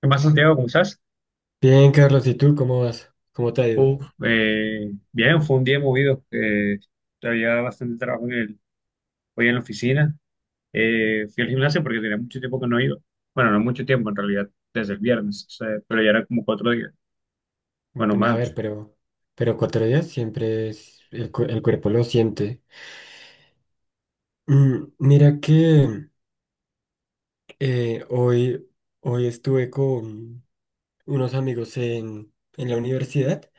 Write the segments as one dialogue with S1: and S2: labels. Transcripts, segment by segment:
S1: ¿Qué más, Santiago? ¿Cómo estás?
S2: Bien, Carlos, ¿y tú cómo vas? ¿Cómo te ha ido?
S1: Bien, fue un día movido, había bastante trabajo hoy en la oficina. Fui al gimnasio porque tenía mucho tiempo que no he ido. Bueno, no mucho tiempo en realidad, desde el viernes, o sea, pero ya era como cuatro días. Bueno,
S2: Bueno, a ver,
S1: más.
S2: pero cuatro días siempre es, el cuerpo lo siente. Mira que eh, hoy, hoy estuve con unos amigos en la universidad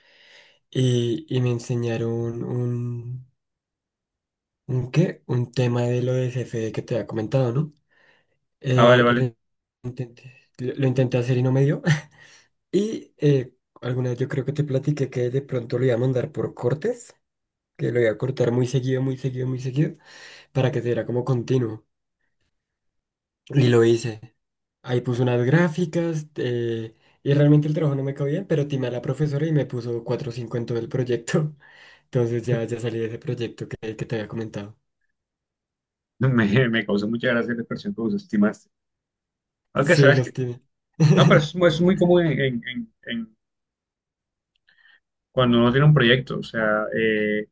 S2: y me enseñaron un ¿qué? Un tema de lo de CFD que te había comentado, ¿no?
S1: Ah, vale,
S2: Eh,
S1: vale.
S2: lo intenté, lo intenté hacer y no me dio. Y alguna vez yo creo que te platiqué que de pronto lo iba a mandar por cortes, que lo iba a cortar muy seguido, muy seguido, muy seguido, para que se viera como continuo. Y lo hice. Ahí puso unas gráficas, y realmente el trabajo no me quedó bien, pero timé a la profesora y me puso 4 o 5 en todo el proyecto. Entonces ya salí de ese proyecto que te había comentado.
S1: Me causó mucha gracia la expresión que vos estimaste. Aunque
S2: Sí,
S1: sabes que...
S2: los timé.
S1: No, pero es muy común en cuando uno tiene un proyecto. O sea,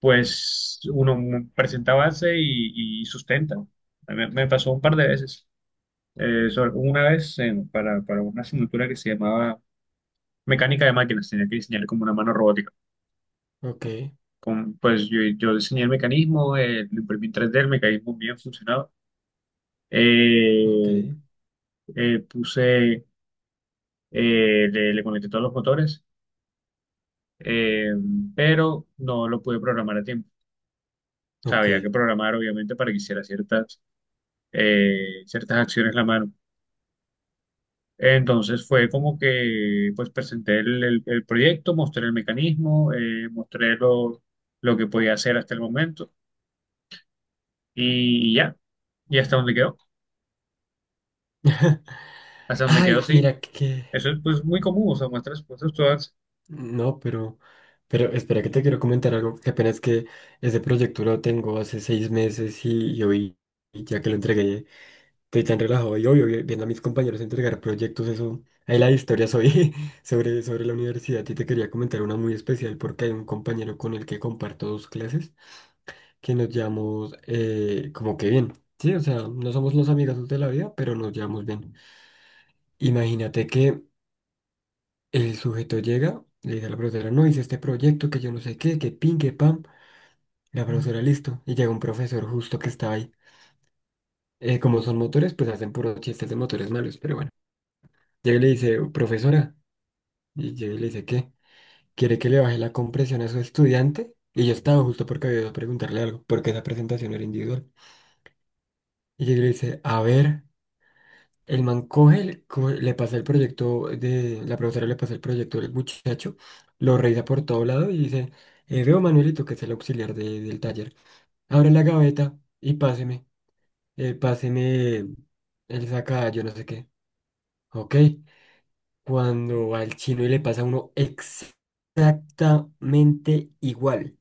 S1: pues uno presenta avance y sustenta. Me pasó un par de veces. Una vez para una asignatura que se llamaba mecánica de máquinas, tenía que diseñar como una mano robótica.
S2: Ok,
S1: Con, pues yo diseñé el mecanismo, lo imprimí en 3D, el mecanismo bien funcionaba.
S2: ok,
S1: Eh, eh, puse, Le conecté todos los motores, eh, pero no lo pude programar a tiempo. O sea,
S2: ok.
S1: había que programar obviamente para que hiciera ciertas acciones la mano. Entonces fue como que pues presenté el proyecto, mostré el mecanismo, mostré lo que podía hacer hasta el momento y ya, y hasta donde quedó
S2: Ay,
S1: sí.
S2: mira que.
S1: Eso es pues muy común, o sea, muestras cosas todas,
S2: No, pero espera que te quiero comentar algo, que apenas que ese proyecto lo tengo hace 6 meses y hoy, y ya que lo entregué, estoy tan relajado y obvio, viendo a mis compañeros entregar proyectos, eso, ahí la historia soy sobre la universidad y te quería comentar una muy especial porque hay un compañero con el que comparto dos clases, que nos llamamos como que bien, sí, o sea, no somos los amigos de la vida, pero nos llevamos bien. Imagínate que el sujeto llega, le dice a la profesora, no, hice este proyecto, que yo no sé qué, que pin, que pam. La profesora, listo. Y llega un profesor justo que está ahí. Como son motores, pues hacen puros chistes de motores malos, pero bueno. Llega y le dice, profesora, y llega y le dice, ¿qué? ¿Quiere que le baje la compresión a su estudiante? Y yo estaba justo porque había ido a preguntarle algo, porque esa presentación era individual. Y llega y le dice, a ver. El man coge, le pasa el proyecto de, la profesora le pasa el proyecto del muchacho, lo revisa por todo lado y dice, veo Manuelito, que es el auxiliar del taller, abre la gaveta y páseme, páseme, él saca yo no sé qué, ok, cuando va el chino y le pasa a uno exactamente igual,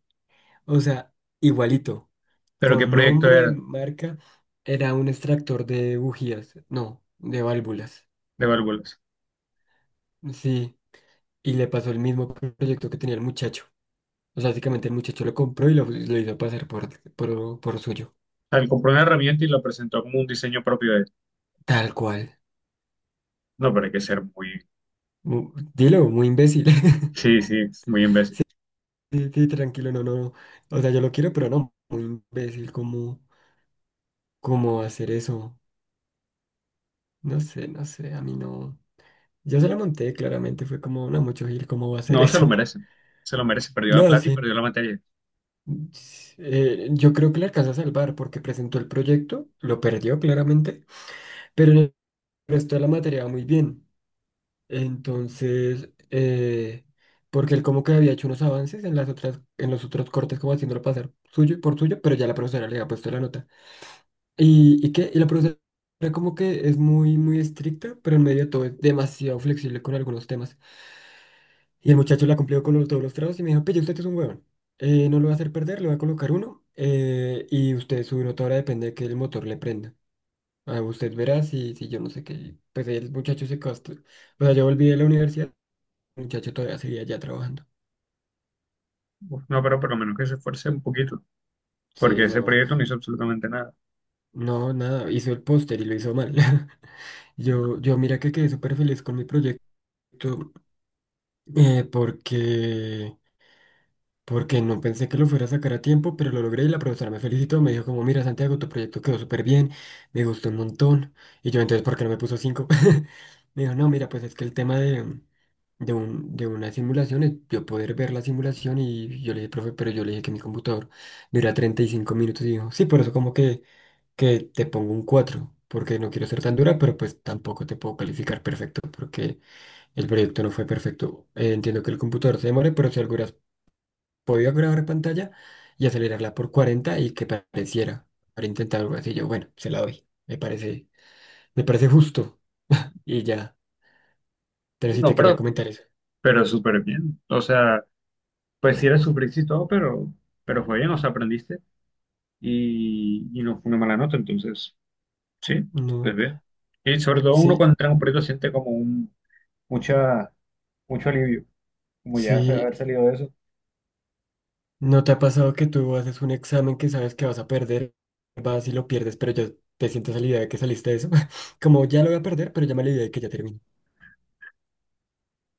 S2: o sea, igualito,
S1: pero ¿qué
S2: con
S1: proyecto
S2: nombre,
S1: era
S2: marca, era un extractor de bujías, no, de válvulas,
S1: de válvulas?
S2: sí. Y le pasó el mismo proyecto que tenía el muchacho. O sea, básicamente el muchacho lo compró y lo hizo pasar por suyo.
S1: Al compró una herramienta y la presentó como un diseño propio de él.
S2: Tal cual.
S1: No, pero hay que ser muy,
S2: Dilo, muy imbécil.
S1: sí, sí, es muy imbécil.
S2: Sí, sí, tranquilo, no, no. No. O sea, yo lo quiero, pero no. Muy imbécil, ¿cómo hacer eso? No sé, no sé, a mí no. Yo se lo monté, claramente, fue como, no, mucho Gil, ¿cómo va a hacer
S1: No, se lo
S2: eso?
S1: merecen, se lo merece, perdió la
S2: No,
S1: plata y
S2: sí.
S1: perdió la materia.
S2: Yo creo que le alcanza a salvar porque presentó el proyecto, lo perdió claramente, pero en el resto de la materia va muy bien. Entonces, porque él como que había hecho unos avances en las otras, en los otros cortes, como haciéndolo pasar suyo y por suyo, pero ya la profesora le había puesto la nota. ¿Y qué? Y la profesora como que es muy, muy estricta, pero en medio de todo es demasiado flexible con algunos temas. Y el muchacho la cumplió con todos los trabajos y me dijo, pille, usted es un huevón. No lo va a hacer perder, le voy a colocar uno. Y usted, su nota ahora depende de que el motor le prenda. Ah, usted verá si yo no sé qué. Pues el muchacho se costó. O sea, yo volví de la universidad, muchacho todavía seguía allá trabajando.
S1: Uf, no, pero por lo menos que se esfuerce un poquito, porque
S2: Sí,
S1: ese
S2: no,
S1: proyecto no hizo absolutamente nada.
S2: no, nada, hizo el póster y lo hizo mal. Yo mira que quedé súper feliz con mi proyecto, eh, porque porque no pensé que lo fuera a sacar a tiempo, pero lo logré y la profesora me felicitó. Me dijo como, mira, Santiago, tu proyecto quedó súper bien, me gustó un montón. Y yo, entonces, ¿por qué no me puso cinco? Me dijo, no, mira, pues es que el tema de una simulación es yo poder ver la simulación. Y yo le dije, profe, pero yo le dije que mi computador dura 35 minutos. Y dijo, sí, por eso como que te pongo un 4 porque no quiero ser tan dura, pero pues tampoco te puedo calificar perfecto, porque el proyecto no fue perfecto. Entiendo que el computador se demore, pero si algo podía grabar en pantalla y acelerarla por 40 y que pareciera para intentar algo así. Yo, bueno, se la doy. Me parece justo. Y ya. Pero sí te
S1: No,
S2: quería
S1: pero
S2: comentar eso.
S1: Pero súper bien. O sea, pues sí eres sufriste y todo, pero fue bien, o sea, aprendiste y no fue una mala nota, entonces, sí, pues
S2: No.
S1: bien. Y sobre todo uno
S2: Sí,
S1: cuando entra en un proyecto siente como un, mucha, mucho alivio, como ya
S2: sí.
S1: haber salido de eso.
S2: ¿No te ha pasado que tú haces un examen que sabes que vas a perder? Vas y lo pierdes, pero ya te sientes a la idea de que saliste de eso. Como ya lo voy a perder, pero ya me la idea de que ya termino.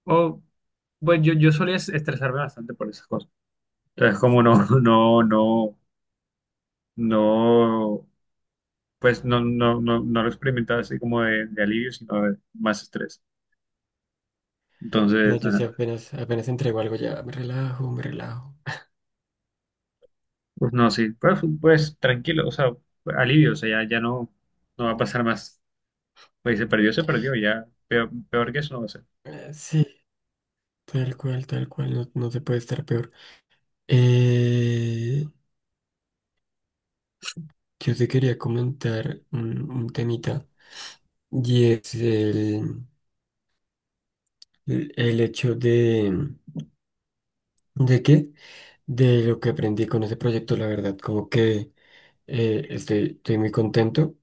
S1: O, pues yo solía estresarme bastante por esas cosas. Entonces, como no, no, pues no lo experimentaba así como de alivio, sino de más estrés.
S2: No,
S1: Entonces,
S2: yo
S1: ajá.
S2: sí apenas, apenas entrego algo, ya me relajo, me relajo.
S1: Pues no, sí, pues, pues tranquilo, o sea, alivio, o sea, ya no, no va a pasar más. Pues se perdió, ya, peor, peor que eso no va a ser.
S2: Sí, tal cual, no, no se puede estar peor. Eh, Yo te quería comentar un temita y es el hecho ¿de qué? De lo que aprendí con ese proyecto, la verdad, como que estoy muy contento,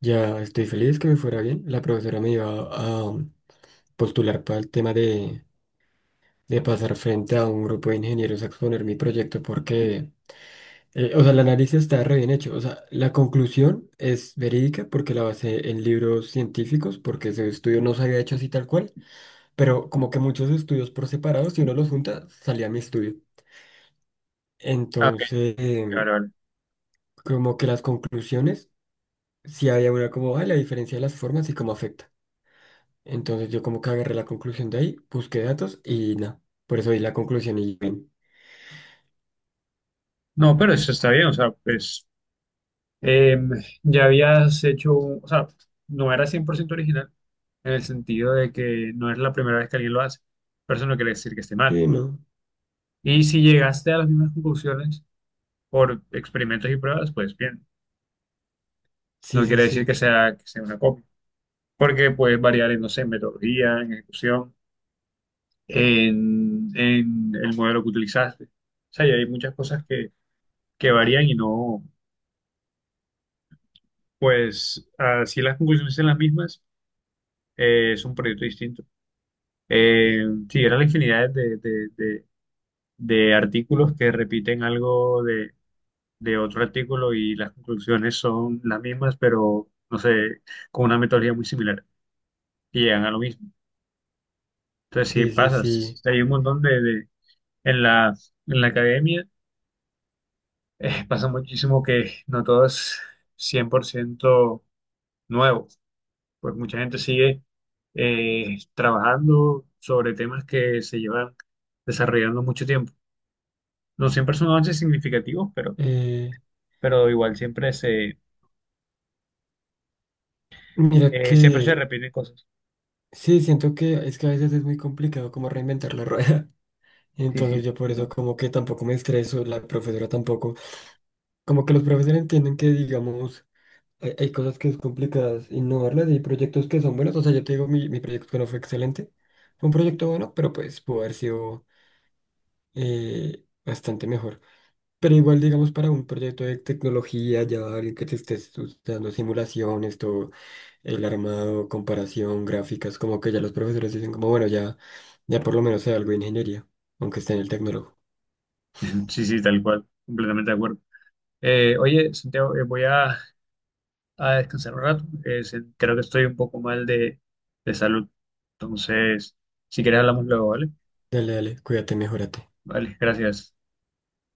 S2: ya estoy feliz que me fuera bien. La profesora me iba a postular para el tema de pasar frente a un grupo de ingenieros a exponer mi proyecto porque eh, o sea, el análisis está re bien hecho. O sea, la conclusión es verídica porque la basé en libros científicos, porque ese estudio no se había hecho así tal cual, pero como que muchos estudios por separado, si uno los junta, salía mi estudio.
S1: Ah, ok,
S2: Entonces,
S1: vale, vale.
S2: como que las conclusiones, sí había una como, ah, la diferencia de las formas y cómo afecta. Entonces yo como que agarré la conclusión de ahí, busqué datos y nada. Por eso di la conclusión y bien.
S1: No, pero eso está bien, o sea, pues eh, ya habías hecho, o sea, no era 100% original en el sentido de que no es la primera vez que alguien lo hace, pero eso no quiere decir que esté mal.
S2: Sí, no.
S1: Y si llegaste a las mismas conclusiones por experimentos y pruebas, pues bien,
S2: Sí,
S1: no
S2: sí,
S1: quiere decir
S2: sí.
S1: que sea una copia, porque puede variar en, no sé, en metodología, en ejecución, en el modelo que utilizaste. O sea, y hay muchas cosas que varían y no, pues, así las conclusiones son las mismas, es un proyecto distinto. Eh, sí, eran la infinidad de, de artículos que repiten algo de otro artículo y las conclusiones son las mismas, pero, no sé, con una metodología muy similar y llegan a lo mismo. Entonces, sí,
S2: Sí, sí,
S1: pasa.
S2: sí.
S1: Hay un montón en la, en la academia pasa muchísimo que no todo es 100% nuevo, pues mucha gente sigue trabajando sobre temas que se llevan desarrollando mucho tiempo. No siempre son avances significativos,
S2: Eh,
S1: pero igual
S2: mira
S1: siempre se
S2: que.
S1: repiten cosas.
S2: Sí, siento que es que a veces es muy complicado como reinventar la rueda.
S1: Sí, sí,
S2: Entonces yo por eso
S1: ¿no?
S2: como que tampoco me estreso, la profesora tampoco. Como que los profesores entienden que digamos hay cosas que es complicadas innovarlas y hay proyectos que son buenos. O sea, yo te digo, mi proyecto que no fue excelente. Fue un proyecto bueno, pero pues pudo haber sido bastante mejor. Pero igual, digamos, para un proyecto de tecnología, ya alguien que te esté estudiando simulaciones, todo el armado, comparación, gráficas, como que ya los profesores dicen como, bueno, ya, por lo menos sea algo de ingeniería, aunque esté en el tecnólogo.
S1: Sí, sí, tal cual, completamente de acuerdo. Oye, Santiago, voy a descansar un rato, creo que estoy un poco mal de salud, entonces, si quieres hablamos luego, ¿vale?
S2: Dale, dale, cuídate, mejórate.
S1: Vale, gracias.